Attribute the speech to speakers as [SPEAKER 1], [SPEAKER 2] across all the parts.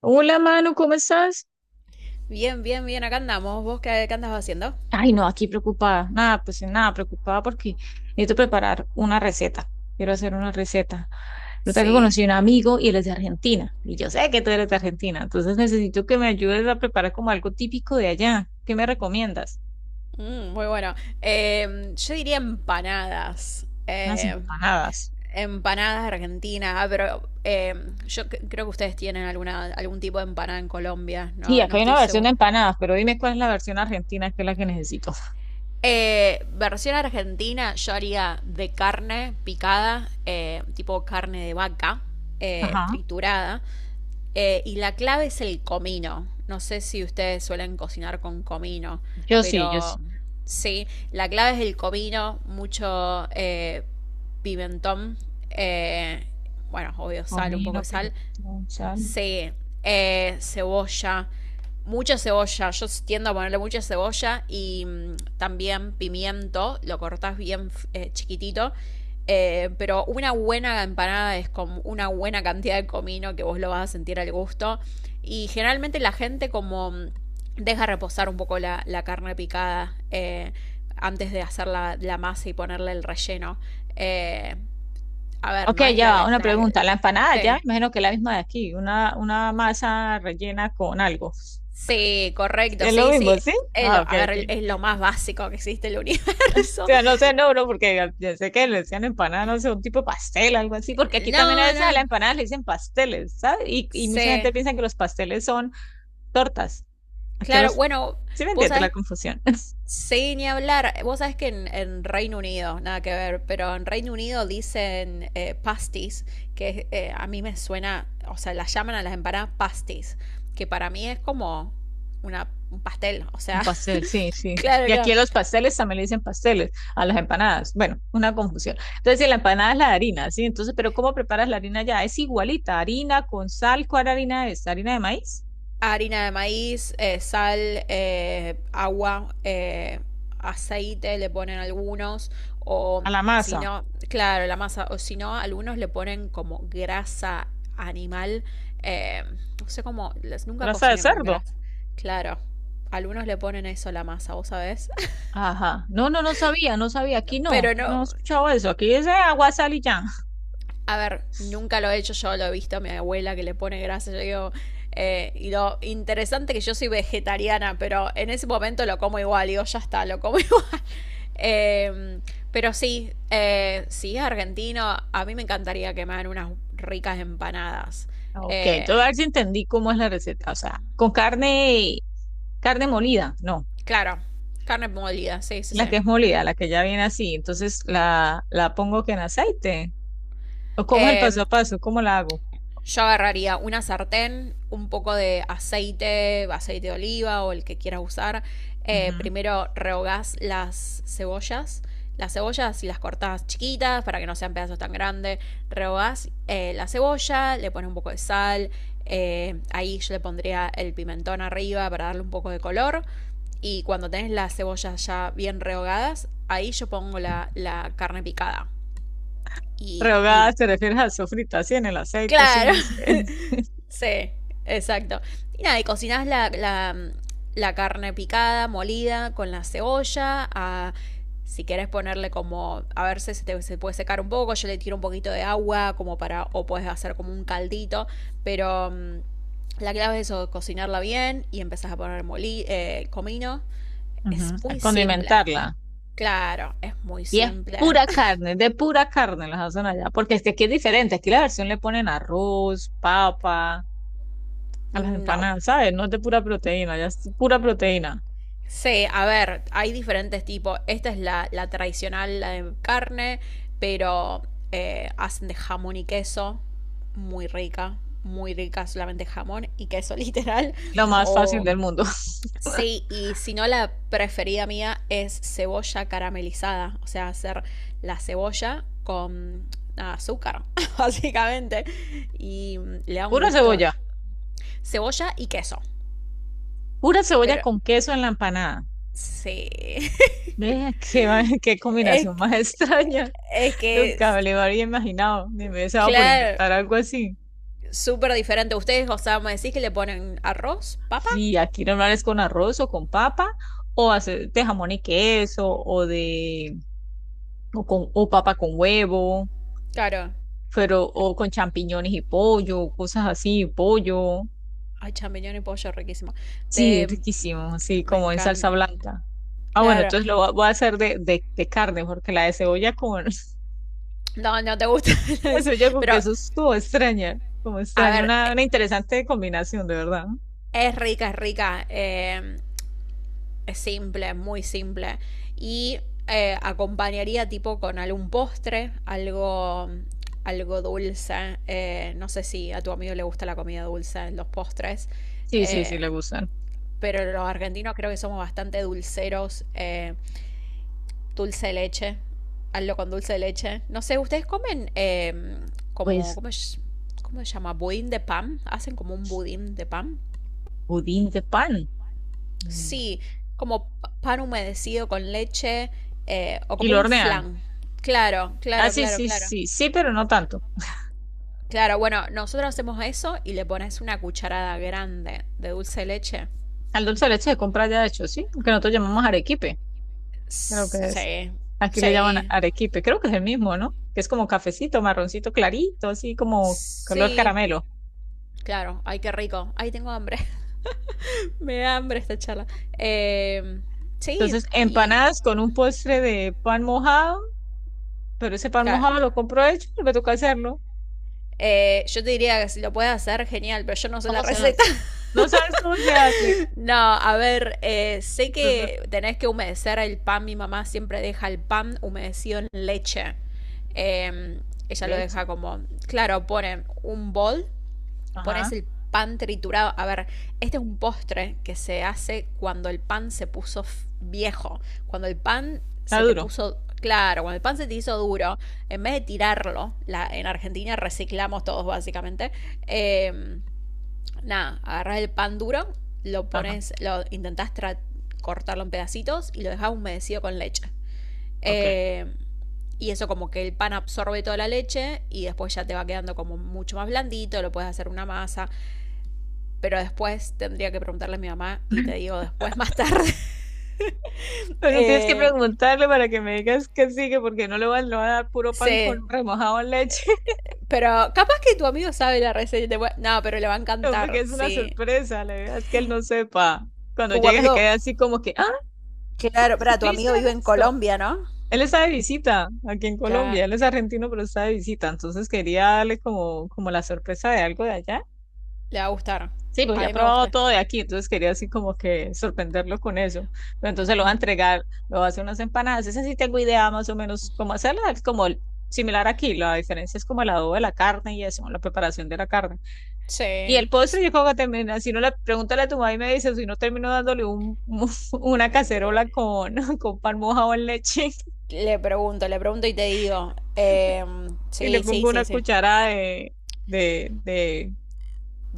[SPEAKER 1] Hola, Manu, ¿cómo estás?
[SPEAKER 2] Bien, bien, bien, acá andamos. ¿Vos qué, andas haciendo?
[SPEAKER 1] Ay, no, aquí preocupada. Nada, pues nada, preocupada porque necesito preparar una receta. Quiero hacer una receta. Resulta que
[SPEAKER 2] Sí.
[SPEAKER 1] conocí a un amigo y él es de Argentina. Y yo sé que tú eres de Argentina. Entonces necesito que me ayudes a preparar como algo típico de allá. ¿Qué me recomiendas?
[SPEAKER 2] Muy bueno. Yo diría empanadas.
[SPEAKER 1] Unas empanadas.
[SPEAKER 2] Empanadas argentinas, pero creo que ustedes tienen alguna, algún tipo de empanada en Colombia,
[SPEAKER 1] Sí,
[SPEAKER 2] no, no
[SPEAKER 1] acá hay
[SPEAKER 2] estoy
[SPEAKER 1] una versión de
[SPEAKER 2] seguro.
[SPEAKER 1] empanadas, pero dime cuál es la versión argentina que es la que necesito.
[SPEAKER 2] Versión argentina, yo haría de carne picada, tipo carne de vaca,
[SPEAKER 1] Ajá.
[SPEAKER 2] triturada. Y la clave es el comino. No sé si ustedes suelen cocinar con comino,
[SPEAKER 1] Yo sí, yo
[SPEAKER 2] pero
[SPEAKER 1] sí.
[SPEAKER 2] sí, la clave es el comino, mucho pimentón, eh, bueno, obvio sal, un poco
[SPEAKER 1] Comino,
[SPEAKER 2] de sal.
[SPEAKER 1] pimentón, sal.
[SPEAKER 2] Sí, cebolla, mucha cebolla. Yo tiendo a ponerle mucha cebolla y también pimiento. Lo cortás bien chiquitito. Pero una buena empanada es con una buena cantidad de comino que vos lo vas a sentir al gusto. Y generalmente la gente como deja reposar un poco la carne picada antes de hacer la masa y ponerle el relleno. Eh, a ver,
[SPEAKER 1] Ok,
[SPEAKER 2] no es
[SPEAKER 1] ya va,
[SPEAKER 2] la...
[SPEAKER 1] una
[SPEAKER 2] la
[SPEAKER 1] pregunta. La empanada ya, me
[SPEAKER 2] sí.
[SPEAKER 1] imagino que es la misma de aquí, una masa rellena con algo.
[SPEAKER 2] Sí, correcto,
[SPEAKER 1] Es lo
[SPEAKER 2] sí, sí.
[SPEAKER 1] mismo, ¿sí?
[SPEAKER 2] Es
[SPEAKER 1] Ah,
[SPEAKER 2] lo,
[SPEAKER 1] ok,
[SPEAKER 2] a
[SPEAKER 1] ok.
[SPEAKER 2] ver, es lo más básico que existe en el
[SPEAKER 1] O
[SPEAKER 2] universo.
[SPEAKER 1] sea, no sé, no, no, porque ya sé que le decían empanada, no sé, un tipo de pastel, algo así, porque aquí también a
[SPEAKER 2] No,
[SPEAKER 1] veces a la
[SPEAKER 2] no.
[SPEAKER 1] empanada le dicen pasteles, ¿sabes? Y mucha gente
[SPEAKER 2] Sí.
[SPEAKER 1] piensa que los pasteles son tortas. Aquí
[SPEAKER 2] Claro,
[SPEAKER 1] los,
[SPEAKER 2] bueno,
[SPEAKER 1] ¿sí me
[SPEAKER 2] vos
[SPEAKER 1] entiende la
[SPEAKER 2] sabés,
[SPEAKER 1] confusión?
[SPEAKER 2] sí, ni hablar. Vos sabés que en Reino Unido, nada que ver, pero en Reino Unido dicen pasties, que a mí me suena, o sea, las llaman a las empanadas pasties, que para mí es como una, un pastel, o
[SPEAKER 1] Un
[SPEAKER 2] sea,
[SPEAKER 1] pastel, sí, sí.
[SPEAKER 2] claro,
[SPEAKER 1] Y aquí
[SPEAKER 2] claro.
[SPEAKER 1] a los pasteles también le dicen pasteles, a las empanadas. Bueno, una confusión. Entonces, si la empanada es la harina, ¿sí? Entonces, pero ¿cómo preparas la harina ya? Es igualita, harina con sal, ¿cuál harina es? ¿Harina de maíz?
[SPEAKER 2] Harina de maíz, sal, agua, aceite, le ponen algunos, o
[SPEAKER 1] A la
[SPEAKER 2] si
[SPEAKER 1] masa,
[SPEAKER 2] no, claro, la masa, o si no, algunos le ponen como grasa animal. eh, no sé cómo, nunca
[SPEAKER 1] grasa de
[SPEAKER 2] cociné con
[SPEAKER 1] cerdo.
[SPEAKER 2] grasa, claro, algunos le ponen eso a la masa, vos sabés.
[SPEAKER 1] Ajá. No, no, no sabía, no sabía.
[SPEAKER 2] Pero
[SPEAKER 1] Aquí
[SPEAKER 2] no,
[SPEAKER 1] no he escuchado eso. Aquí es agua, sal y ya.
[SPEAKER 2] a ver, nunca lo he hecho yo, lo he visto a mi abuela que le pone grasa. Yo digo, y lo interesante que yo soy vegetariana, pero en ese momento lo como igual. Digo, ya está, lo como igual. Eh, pero sí, sí, argentino, a mí me encantaría que me hagan unas ricas empanadas.
[SPEAKER 1] Ah, ok,
[SPEAKER 2] Eh,
[SPEAKER 1] entonces a ver si entendí cómo es la receta. O sea, con carne, carne molida, no.
[SPEAKER 2] claro, carne molida, sí, sí,
[SPEAKER 1] La
[SPEAKER 2] sí.
[SPEAKER 1] que es molida, la que ya viene así. Entonces la pongo que en aceite. ¿O cómo es el
[SPEAKER 2] Eh,
[SPEAKER 1] paso a paso? ¿Cómo la hago?
[SPEAKER 2] yo agarraría una sartén, un poco de aceite, aceite de oliva o el que quieras usar.
[SPEAKER 1] Ujú.
[SPEAKER 2] Primero rehogás las cebollas. Las cebollas y las cortás chiquitas para que no sean pedazos tan grandes. Rehogás la cebolla, le pones un poco de sal. Ahí yo le pondría el pimentón arriba para darle un poco de color. Y cuando tenés las cebollas ya bien rehogadas, ahí yo pongo la carne picada. Y
[SPEAKER 1] Rehogada, te refieres a sofrita, así en el aceite,
[SPEAKER 2] claro.
[SPEAKER 1] así. Sí.
[SPEAKER 2] Sí, exacto. Y nada, y cocinás la carne picada, molida, con la cebolla. Si querés ponerle como, a ver si se, se puede secar un poco, yo le tiro un poquito de agua como para, o puedes hacer como un caldito, pero la clave es eso, cocinarla bien y empezás a poner comino. Es
[SPEAKER 1] Ujú, a
[SPEAKER 2] muy simple,
[SPEAKER 1] condimentarla.
[SPEAKER 2] claro, es muy
[SPEAKER 1] Y es
[SPEAKER 2] simple.
[SPEAKER 1] pura carne, de pura carne las hacen allá. Porque es que aquí es diferente. Aquí la versión le ponen arroz, papa, a las
[SPEAKER 2] No,
[SPEAKER 1] empanadas, ¿sabes? No es de pura proteína, ya es pura proteína.
[SPEAKER 2] sí, a ver, hay diferentes tipos. Esta es la tradicional, la de carne, pero hacen de jamón y queso, muy rica, muy rica, solamente jamón y queso literal.
[SPEAKER 1] Lo más fácil
[SPEAKER 2] O
[SPEAKER 1] del mundo.
[SPEAKER 2] sí, y si no, la preferida mía es cebolla caramelizada, o sea, hacer la cebolla con nada, azúcar, básicamente, y le da un
[SPEAKER 1] Pura
[SPEAKER 2] gusto.
[SPEAKER 1] cebolla.
[SPEAKER 2] Cebolla y queso,
[SPEAKER 1] Pura cebolla
[SPEAKER 2] pero
[SPEAKER 1] con queso en la empanada.
[SPEAKER 2] sí.
[SPEAKER 1] Vea qué, qué
[SPEAKER 2] Es,
[SPEAKER 1] combinación más
[SPEAKER 2] que-
[SPEAKER 1] extraña.
[SPEAKER 2] es que,
[SPEAKER 1] Nunca
[SPEAKER 2] es-
[SPEAKER 1] me lo habría imaginado, ni me he deseado por
[SPEAKER 2] claro,
[SPEAKER 1] inventar algo así.
[SPEAKER 2] súper diferente. Ustedes, o sea, me decís que le ponen arroz, papa.
[SPEAKER 1] Sí, aquí normal es con arroz o con papa, o hacer de jamón y queso, o con, o papa con huevo,
[SPEAKER 2] Claro.
[SPEAKER 1] pero, o con champiñones y pollo, cosas así, pollo.
[SPEAKER 2] Ay, champiñón y pollo, riquísimo.
[SPEAKER 1] Sí, es
[SPEAKER 2] Te...
[SPEAKER 1] riquísimo, sí,
[SPEAKER 2] Me
[SPEAKER 1] como en salsa
[SPEAKER 2] encanta.
[SPEAKER 1] blanca. Ah, bueno,
[SPEAKER 2] Claro.
[SPEAKER 1] entonces voy a hacer de, de carne, porque la de cebolla con,
[SPEAKER 2] No, no te gusta.
[SPEAKER 1] la cebolla con
[SPEAKER 2] Pero,
[SPEAKER 1] queso es como
[SPEAKER 2] a
[SPEAKER 1] extraña,
[SPEAKER 2] ver,
[SPEAKER 1] una interesante combinación, de verdad.
[SPEAKER 2] es rica, es rica. Es simple, muy simple. Y acompañaría tipo con algún postre, algo, algo dulce. No sé si a tu amigo le gusta la comida dulce, los postres.
[SPEAKER 1] Sí, sí, sí,
[SPEAKER 2] eh,
[SPEAKER 1] le gustan.
[SPEAKER 2] pero los argentinos creo que somos bastante dulceros. Dulce de leche. Hazlo con dulce de leche. No sé, ¿ustedes comen como,
[SPEAKER 1] Pues,
[SPEAKER 2] ¿cómo, cómo se llama? Budín de pan. ¿Hacen como un budín de pan?
[SPEAKER 1] pudín de pan. Mm.
[SPEAKER 2] Sí, como pan humedecido con leche o
[SPEAKER 1] Y
[SPEAKER 2] como
[SPEAKER 1] lo
[SPEAKER 2] un
[SPEAKER 1] hornean.
[SPEAKER 2] flan. Claro,
[SPEAKER 1] Ah,
[SPEAKER 2] claro,
[SPEAKER 1] sí,
[SPEAKER 2] claro,
[SPEAKER 1] sí,
[SPEAKER 2] claro.
[SPEAKER 1] sí, sí, pero no tanto.
[SPEAKER 2] Claro, bueno, nosotros hacemos eso y le pones una cucharada grande de dulce de leche.
[SPEAKER 1] Al dulce de leche se compra ya de hecho, sí, porque nosotros llamamos arequipe, creo que es.
[SPEAKER 2] Sí,
[SPEAKER 1] Aquí le llaman
[SPEAKER 2] sí,
[SPEAKER 1] arequipe, creo que es el mismo, ¿no? Que es como cafecito, marroncito clarito, así como color
[SPEAKER 2] sí.
[SPEAKER 1] caramelo.
[SPEAKER 2] Claro, ay, qué rico. Ay, tengo hambre. Me da hambre esta charla. Eh, sí,
[SPEAKER 1] Entonces,
[SPEAKER 2] y
[SPEAKER 1] empanadas con un postre de pan mojado, pero ese pan
[SPEAKER 2] claro.
[SPEAKER 1] mojado lo compro hecho, me toca hacerlo.
[SPEAKER 2] Yo te diría que si lo puedes hacer, genial, pero yo no sé la
[SPEAKER 1] ¿Cómo se hace?
[SPEAKER 2] receta.
[SPEAKER 1] No sabes cómo se hace.
[SPEAKER 2] No, a ver, sé
[SPEAKER 1] Entonces,
[SPEAKER 2] que tenés que humedecer el pan. Mi mamá siempre deja el pan humedecido en leche. Eh, ella lo
[SPEAKER 1] leche,
[SPEAKER 2] deja como, claro, ponen un bol, pones
[SPEAKER 1] ajá,
[SPEAKER 2] el pan triturado. A ver, este es un postre que se hace cuando el pan se puso viejo, cuando el pan
[SPEAKER 1] está
[SPEAKER 2] se te
[SPEAKER 1] duro,
[SPEAKER 2] puso, claro, cuando el pan se te hizo duro, en vez de tirarlo, la, en Argentina reciclamos todos básicamente. eh, nada, agarras el pan duro, lo
[SPEAKER 1] ajá,
[SPEAKER 2] pones, lo intentás cortarlo en pedacitos y lo dejas humedecido con leche.
[SPEAKER 1] ok.
[SPEAKER 2] Eh, y eso como que el pan absorbe toda la leche y después ya te va quedando como mucho más blandito, lo puedes hacer una masa, pero después tendría que preguntarle a mi mamá y te digo después más tarde.
[SPEAKER 1] Bueno, tienes que
[SPEAKER 2] Eh,
[SPEAKER 1] preguntarle para que me digas qué sigue, porque no le va, le va a dar puro pan
[SPEAKER 2] sí,
[SPEAKER 1] con remojado en leche,
[SPEAKER 2] pero capaz que tu amigo sabe la receta. Y no, pero le va a
[SPEAKER 1] no, porque
[SPEAKER 2] encantar,
[SPEAKER 1] es una
[SPEAKER 2] sí.
[SPEAKER 1] sorpresa, la verdad es que él no sepa. Cuando
[SPEAKER 2] Tu
[SPEAKER 1] llega se
[SPEAKER 2] amigo,
[SPEAKER 1] queda así como que, ah, ¿cómo
[SPEAKER 2] claro, para tu
[SPEAKER 1] supiste
[SPEAKER 2] amigo vive en
[SPEAKER 1] esto?
[SPEAKER 2] Colombia, ¿no?
[SPEAKER 1] Él está de visita aquí en
[SPEAKER 2] Ca-
[SPEAKER 1] Colombia, él es argentino, pero está de visita, entonces quería darle como, como la sorpresa de algo de allá.
[SPEAKER 2] Le va a gustar.
[SPEAKER 1] Sí, porque
[SPEAKER 2] A
[SPEAKER 1] ya ha
[SPEAKER 2] mí me
[SPEAKER 1] probado
[SPEAKER 2] gusta.
[SPEAKER 1] todo de aquí, entonces quería así como que sorprenderlo con eso. Pero entonces lo va a entregar, lo va a hacer unas empanadas. Esa sí tengo idea más o menos cómo hacerla, similar aquí. La diferencia es como el adobo de la carne y eso, la preparación de la carne. Y
[SPEAKER 2] Sí.
[SPEAKER 1] el postre,
[SPEAKER 2] Sí.
[SPEAKER 1] yo creo que termina, si no le pregúntale a tu mamá y me dice, si no termino dándole un, una cacerola con, con pan mojado en leche
[SPEAKER 2] Le pregunto y te digo.
[SPEAKER 1] y le
[SPEAKER 2] Sí, sí,
[SPEAKER 1] pongo una
[SPEAKER 2] sí, sí.
[SPEAKER 1] cucharada de, de, de,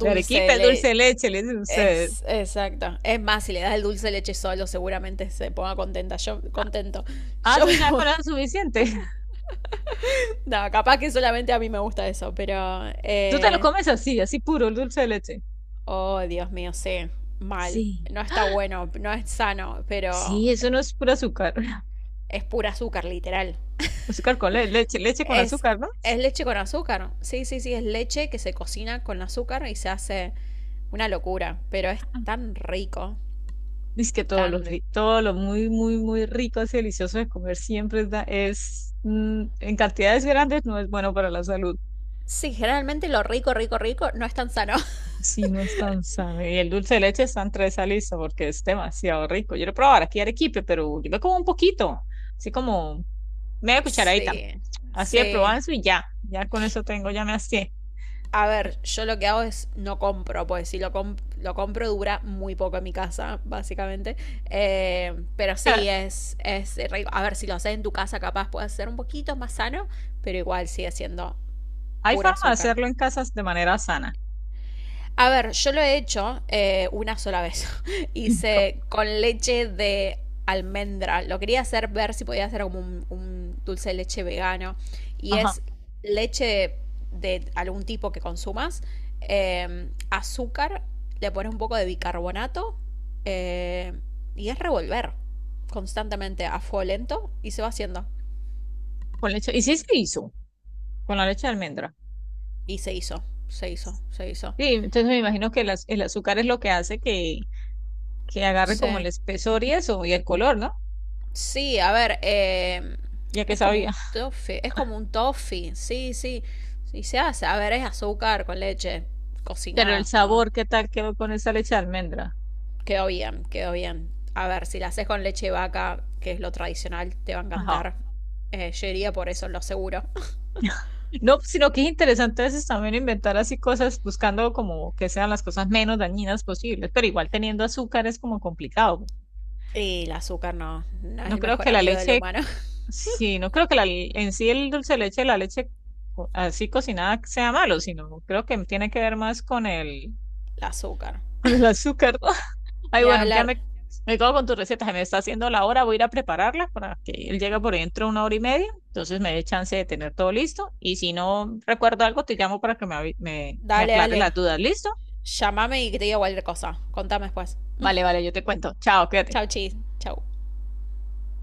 [SPEAKER 1] de arequipe,
[SPEAKER 2] le...
[SPEAKER 1] dulce de leche, le dicen ustedes.
[SPEAKER 2] Es exacto. Es más, si le das el dulce de leche solo, seguramente se ponga contenta. Yo contento.
[SPEAKER 1] Ah,
[SPEAKER 2] Yo
[SPEAKER 1] eso
[SPEAKER 2] me
[SPEAKER 1] ya
[SPEAKER 2] voy.
[SPEAKER 1] con eso es suficiente.
[SPEAKER 2] No, capaz que solamente a mí me gusta eso, pero
[SPEAKER 1] Tú te lo
[SPEAKER 2] eh,
[SPEAKER 1] comes así, así puro, el dulce de leche.
[SPEAKER 2] oh, Dios mío, sí, mal.
[SPEAKER 1] Sí.
[SPEAKER 2] No está bueno, no es sano, pero
[SPEAKER 1] Sí, eso no es puro azúcar.
[SPEAKER 2] es pura azúcar, literal.
[SPEAKER 1] Azúcar con leche, leche con
[SPEAKER 2] Es,
[SPEAKER 1] azúcar, ¿no?
[SPEAKER 2] es leche con azúcar. Sí, sí, sí, es leche que se cocina con azúcar y se hace una locura, pero es tan rico,
[SPEAKER 1] Dice que todo lo,
[SPEAKER 2] tan rico.
[SPEAKER 1] todo lo muy, muy, muy rico, así delicioso de comer siempre es, es, en cantidades grandes no es bueno para la salud.
[SPEAKER 2] Sí, generalmente lo rico, rico, rico no es tan sano.
[SPEAKER 1] Sí, no es tan sano. Y el dulce de leche está entre esa lista porque es demasiado rico. Yo lo probaba aquí en Arequipe, pero yo me como un poquito, así como media cucharadita,
[SPEAKER 2] Sí,
[SPEAKER 1] así de
[SPEAKER 2] sí.
[SPEAKER 1] probanzo y ya, ya con eso tengo, ya me hastié.
[SPEAKER 2] A ver, yo lo que hago es no compro, pues si lo, lo compro dura muy poco en mi casa, básicamente. Pero sí, es rico. A ver, si lo haces en tu casa, capaz puede ser un poquito más sano, pero igual sigue siendo
[SPEAKER 1] Hay
[SPEAKER 2] puro
[SPEAKER 1] forma de
[SPEAKER 2] azúcar.
[SPEAKER 1] hacerlo en casas de manera sana.
[SPEAKER 2] A ver, yo lo he hecho una sola vez.
[SPEAKER 1] Co-
[SPEAKER 2] Hice con leche de almendra. Lo quería hacer ver si podía hacer como un dulce de leche vegano. Y
[SPEAKER 1] ajá,
[SPEAKER 2] es leche de algún tipo que consumas, azúcar, le pones un poco de bicarbonato eh, y es revolver constantemente a fuego lento y se va haciendo.
[SPEAKER 1] con leche. Y sí se hizo, con la leche de almendra.
[SPEAKER 2] Y se hizo, se hizo, se hizo.
[SPEAKER 1] Sí, entonces me imagino que el azúcar es lo que hace que agarre como
[SPEAKER 2] Sí.
[SPEAKER 1] el espesor y eso, y el color, ¿no?
[SPEAKER 2] Sí, a ver,
[SPEAKER 1] Ya que
[SPEAKER 2] es como
[SPEAKER 1] sabía.
[SPEAKER 2] un toffee, es como un toffee, sí, sí, sí se hace, a ver, es azúcar con leche
[SPEAKER 1] Pero el
[SPEAKER 2] cocinada, ¿no?
[SPEAKER 1] sabor, ¿qué tal quedó con esa leche de almendra?
[SPEAKER 2] Quedó bien, quedó bien. A ver, si la haces con leche de vaca, que es lo tradicional, te va a
[SPEAKER 1] Ajá.
[SPEAKER 2] encantar. Yo iría por eso, lo seguro.
[SPEAKER 1] No, pues, sino que es interesante a veces también inventar así cosas buscando como que sean las cosas menos dañinas posibles, pero igual teniendo azúcar es como complicado.
[SPEAKER 2] Y el azúcar no, no es
[SPEAKER 1] No
[SPEAKER 2] el
[SPEAKER 1] creo
[SPEAKER 2] mejor
[SPEAKER 1] que la
[SPEAKER 2] amigo del
[SPEAKER 1] leche
[SPEAKER 2] humano.
[SPEAKER 1] sí, no creo que la, en sí el dulce de leche, así cocinada sea malo, sino creo que tiene que ver más con el,
[SPEAKER 2] El azúcar.
[SPEAKER 1] con el azúcar, ¿no? Ay,
[SPEAKER 2] Ni
[SPEAKER 1] bueno, ya
[SPEAKER 2] hablar.
[SPEAKER 1] me quedo con tu receta, se me está haciendo la hora, voy a ir a prepararla para que él llegue por dentro de una hora y media, entonces me dé chance de tener todo listo y si no recuerdo algo, te llamo para que me, me, me
[SPEAKER 2] Dale,
[SPEAKER 1] aclare las
[SPEAKER 2] dale.
[SPEAKER 1] dudas, ¿listo?
[SPEAKER 2] Llámame y que te diga cualquier cosa. Contame después.
[SPEAKER 1] Vale, vale, yo te cuento. Chao, cuídate.
[SPEAKER 2] Chau, chis. Chau.